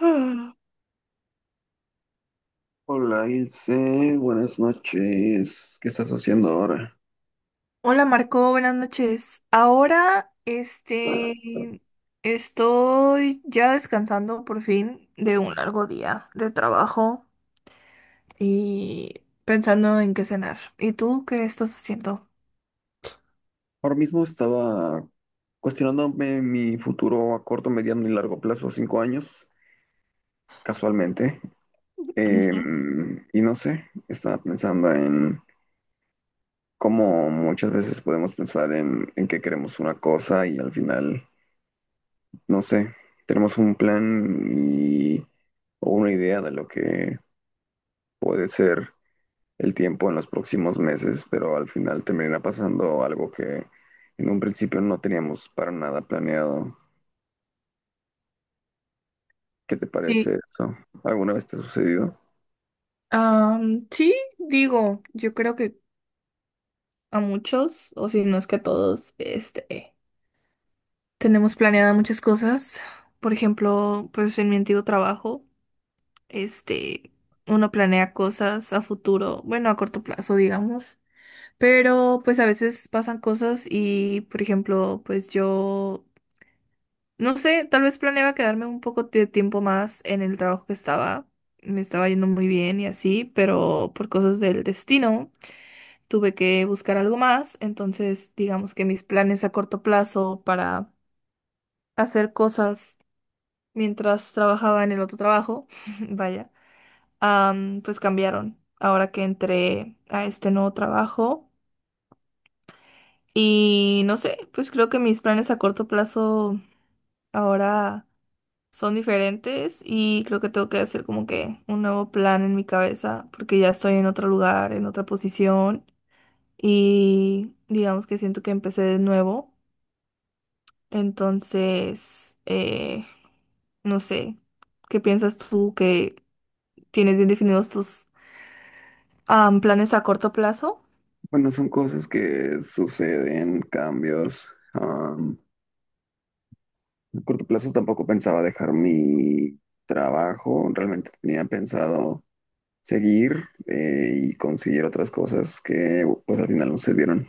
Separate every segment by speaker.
Speaker 1: Ah.
Speaker 2: Hola Ilse, buenas noches. ¿Qué estás haciendo ahora?
Speaker 1: Hola Marco, buenas noches. Ahora, estoy ya descansando por fin de un largo día de trabajo y pensando en qué cenar. ¿Y tú qué estás haciendo?
Speaker 2: Ahora mismo estaba cuestionándome mi futuro a corto, mediano y largo plazo, 5 años, casualmente.
Speaker 1: Ujú.
Speaker 2: Y no sé, estaba pensando en cómo muchas veces podemos pensar en que queremos una cosa y al final, no sé, tenemos un plan y, o una idea de lo que puede ser el tiempo en los próximos meses, pero al final termina pasando algo que en un principio no teníamos para nada planeado. ¿Qué te
Speaker 1: Sí,
Speaker 2: parece eso? ¿Alguna vez te ha sucedido?
Speaker 1: sí, digo, yo creo que a muchos, o si no es que a todos, tenemos planeadas muchas cosas. Por ejemplo, pues en mi antiguo trabajo. Este, Uno planea cosas a futuro, bueno, a corto plazo, digamos, pero pues a veces pasan cosas y, por ejemplo, pues yo, no sé, tal vez planeaba quedarme un poco de tiempo más en el trabajo que estaba, me estaba yendo muy bien y así, pero por cosas del destino tuve que buscar algo más, entonces digamos que mis planes a corto plazo para hacer cosas mientras trabajaba en el otro trabajo, vaya. Pues cambiaron ahora que entré a este nuevo trabajo. Y no sé, pues creo que mis planes a corto plazo ahora son diferentes y creo que tengo que hacer como que un nuevo plan en mi cabeza porque ya estoy en otro lugar, en otra posición y digamos que siento que empecé de nuevo. Entonces, no sé, ¿qué piensas tú que tienes bien definidos tus planes a corto plazo?
Speaker 2: Bueno, son cosas que suceden, cambios. Am, a corto plazo tampoco pensaba dejar mi trabajo, realmente tenía pensado seguir y conseguir otras cosas que pues al final no se dieron.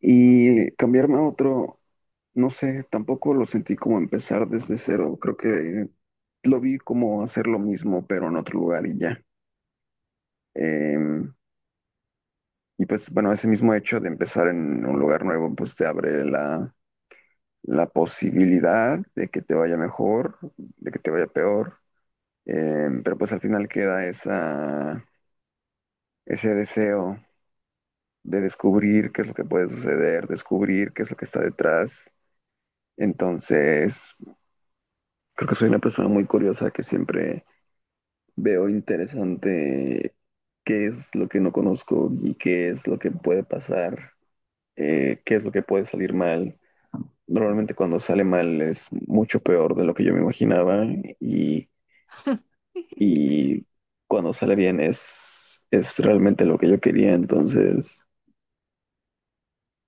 Speaker 2: Y cambiarme a otro, no sé, tampoco lo sentí como empezar desde cero. Creo que lo vi como hacer lo mismo, pero en otro lugar y ya. Em, y pues bueno, ese mismo hecho de empezar en un lugar nuevo, pues te abre la posibilidad de que te vaya mejor, de que te vaya peor. Pero pues al final queda ese deseo de descubrir qué es lo que puede suceder, descubrir qué es lo que está detrás. Entonces... Creo que soy una persona muy curiosa que siempre veo interesante qué es lo que no conozco y qué es lo que puede pasar, qué es lo que puede salir mal. Normalmente cuando sale mal es mucho peor de lo que yo me imaginaba y, y cuando sale bien es realmente lo que yo quería. Entonces,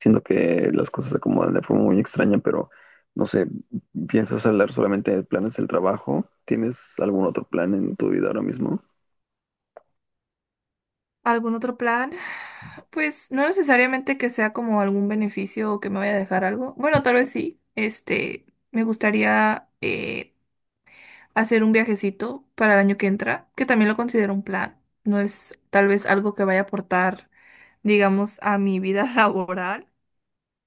Speaker 2: siento que las cosas se acomodan de forma muy extraña, pero no sé, ¿piensas hablar solamente de planes del trabajo? ¿Tienes algún otro plan en tu vida ahora mismo?
Speaker 1: ¿Algún otro plan? Pues no necesariamente que sea como algún beneficio o que me vaya a dejar algo. Bueno, tal vez sí. Me gustaría hacer un viajecito para el año que entra, que también lo considero un plan. No es tal vez algo que vaya a aportar, digamos, a mi vida laboral,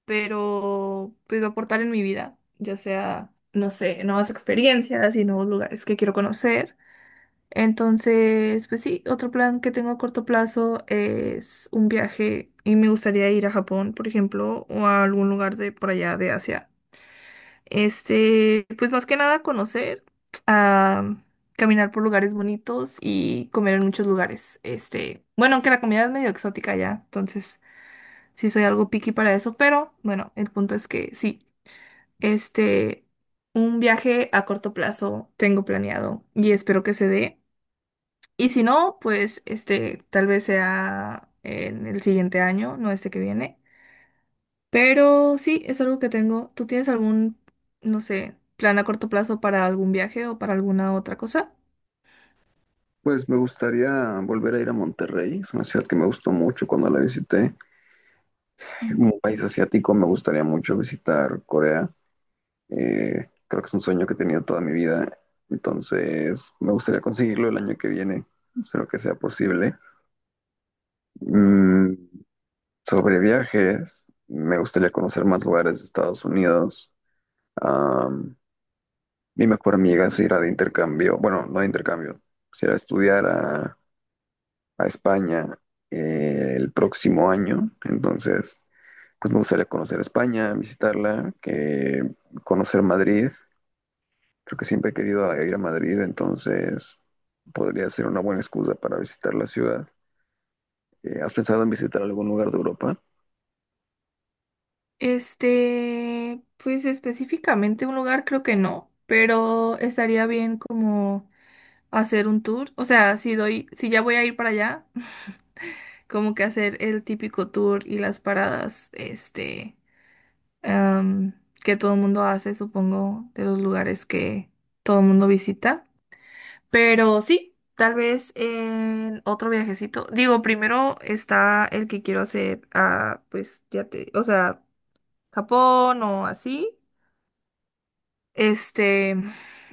Speaker 1: pero pues va a aportar en mi vida, ya sea, no sé, nuevas experiencias y nuevos lugares que quiero conocer. Entonces, pues sí, otro plan que tengo a corto plazo es un viaje y me gustaría ir a Japón, por ejemplo, o a algún lugar de por allá de Asia. Pues más que nada conocer, ah, caminar por lugares bonitos y comer en muchos lugares. Este, bueno, aunque la comida es medio exótica ya, entonces sí soy algo picky para eso, pero bueno, el punto es que sí, este, un viaje a corto plazo tengo planeado y espero que se dé. Y si no, pues este, tal vez sea en el siguiente año, no este que viene. Pero sí, es algo que tengo. ¿Tú tienes algún, no sé, plan a corto plazo para algún viaje o para alguna otra cosa?
Speaker 2: Pues me gustaría volver a ir a Monterrey, es una ciudad que me gustó mucho cuando la visité.
Speaker 1: Ujú.
Speaker 2: Un país asiático, me gustaría mucho visitar Corea. Creo que es un sueño que he tenido toda mi vida, entonces me gustaría conseguirlo el año que viene. Espero que sea posible. Mm, sobre viajes, me gustaría conocer más lugares de Estados Unidos. Am, Mi mejor amiga se irá de intercambio, bueno, no de intercambio, se irá a estudiar a España el próximo año. Entonces, pues me gustaría conocer España, visitarla, que conocer Madrid. Creo que siempre he querido ir a Madrid, entonces podría ser una buena excusa para visitar la ciudad. ¿Has pensado en visitar algún lugar de Europa?
Speaker 1: Este, pues específicamente un lugar creo que no, pero estaría bien como hacer un tour. O sea, si doy, si ya voy a ir para allá, como que hacer el típico tour y las paradas, am, que todo el mundo hace, supongo, de los lugares que todo el mundo visita. Pero sí, tal vez en otro viajecito. Digo, primero está el que quiero hacer a, pues, ya te, o sea, Japón o así. Este,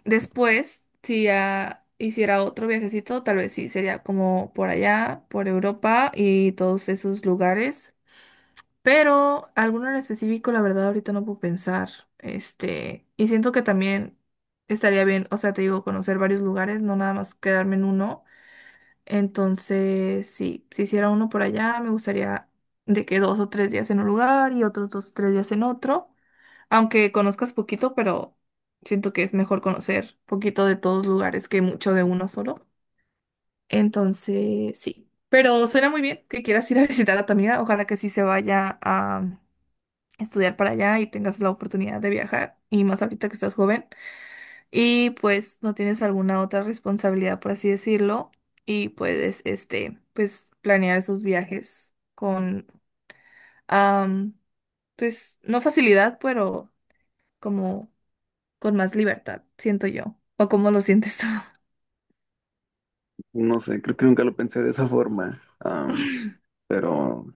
Speaker 1: después, si ya hiciera otro viajecito, tal vez sí, sería como por allá, por Europa y todos esos lugares. Pero alguno en específico, la verdad, ahorita no puedo pensar. Este, y siento que también estaría bien, o sea, te digo, conocer varios lugares, no nada más quedarme en uno. Entonces, sí, si hiciera uno por allá, me gustaría de que dos o tres días en un lugar y otros dos o tres días en otro. Aunque conozcas poquito, pero siento que es mejor conocer poquito de todos lugares que mucho de uno solo. Entonces, sí. Pero suena muy bien que quieras ir a visitar a tu amiga. Ojalá que sí se vaya a estudiar para allá y tengas la oportunidad de viajar, y más ahorita que estás joven, y pues no tienes alguna otra responsabilidad, por así decirlo, y puedes, pues planear esos viajes con, am, pues no facilidad, pero como con más libertad, siento yo, o cómo lo sientes tú.
Speaker 2: No sé, creo que nunca lo pensé de esa forma, pero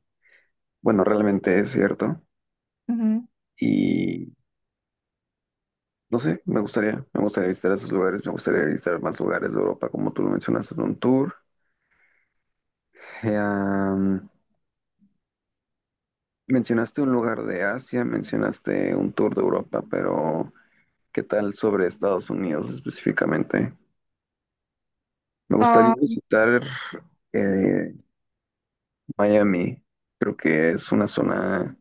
Speaker 2: bueno, realmente es cierto.
Speaker 1: Ujú.
Speaker 2: Y no sé, me gustaría visitar esos lugares, me gustaría visitar más lugares de Europa, como tú lo mencionaste en un tour. Eh, am, Mencionaste un lugar de Asia, mencionaste un tour de Europa, pero ¿qué tal sobre Estados Unidos específicamente? Me gustaría
Speaker 1: Ah,
Speaker 2: visitar eh, Miami. Creo que es una zona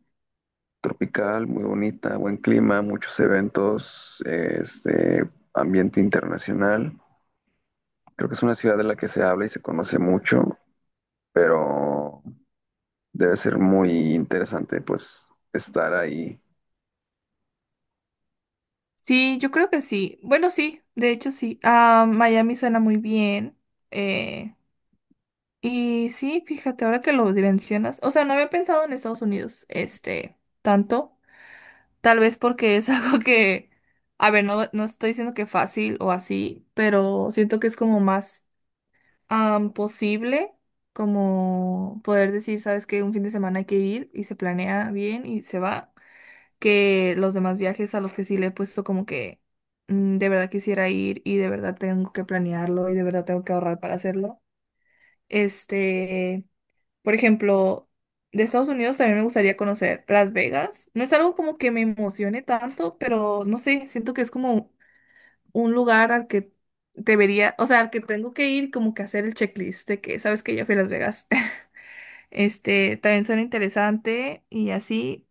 Speaker 2: tropical, muy bonita, buen clima, muchos eventos, este ambiente internacional. Creo que es una ciudad de la que se habla y se conoce mucho, pero debe ser muy interesante pues estar ahí.
Speaker 1: sí, yo creo que sí. Bueno, sí, de hecho sí. Ah, Miami suena muy bien. Eh, Y sí, fíjate, ahora que lo mencionas, o sea, no había pensado en Estados Unidos, tanto, tal vez porque es algo que, a ver, no, no estoy diciendo que fácil o así, pero siento que es como más posible, como poder decir, sabes que un fin de semana hay que ir y se planea bien y se va, que los demás viajes a los que sí le he puesto como que de verdad quisiera ir y de verdad tengo que planearlo y de verdad tengo que ahorrar para hacerlo. Este... Por ejemplo, de Estados Unidos también me gustaría conocer Las Vegas. No es algo como que me emocione tanto, pero no sé, siento que es como un lugar al que debería, o sea, al que tengo que ir como que hacer el checklist de que sabes que ya fui a Las Vegas. Este, también suena interesante y así.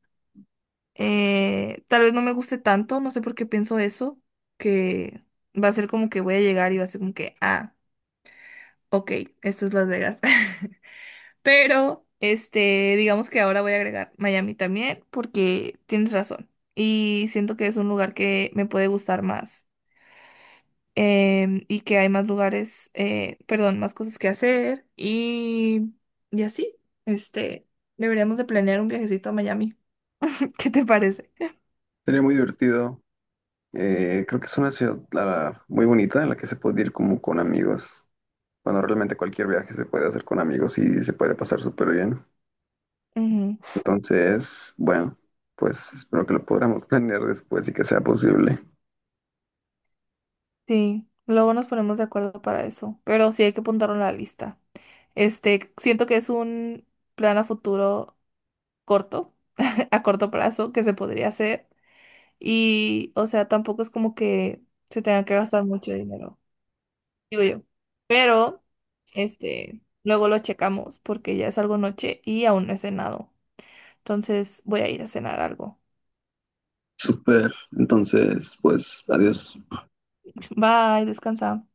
Speaker 1: Tal vez no me guste tanto, no sé por qué pienso eso, que va a ser como que voy a llegar y va a ser como que, ah, ok, esto es Las Vegas. Pero, este, digamos que ahora voy a agregar Miami también porque tienes razón. Y siento que es un lugar que me puede gustar más y que hay más lugares, perdón, más cosas que hacer y así, este, deberíamos de planear un viajecito a Miami. ¿Qué te parece?
Speaker 2: Sería muy divertido. Creo que es una ciudad muy bonita en la que se puede ir como con amigos. Bueno, realmente cualquier viaje se puede hacer con amigos y se puede pasar súper bien.
Speaker 1: Ujú.
Speaker 2: Entonces, bueno, pues espero que lo podamos planear después y que sea posible.
Speaker 1: Sí, luego nos ponemos de acuerdo para eso, pero sí hay que apuntarlo en la lista. Este, siento que es un plan a futuro corto, a corto plazo, que se podría hacer. Y, o sea, tampoco es como que se tenga que gastar mucho dinero, digo yo. Pero, este, luego lo checamos porque ya es algo noche y aún no he cenado. Entonces voy a ir a cenar algo.
Speaker 2: Súper. Entonces, pues adiós.
Speaker 1: Bye, descansa.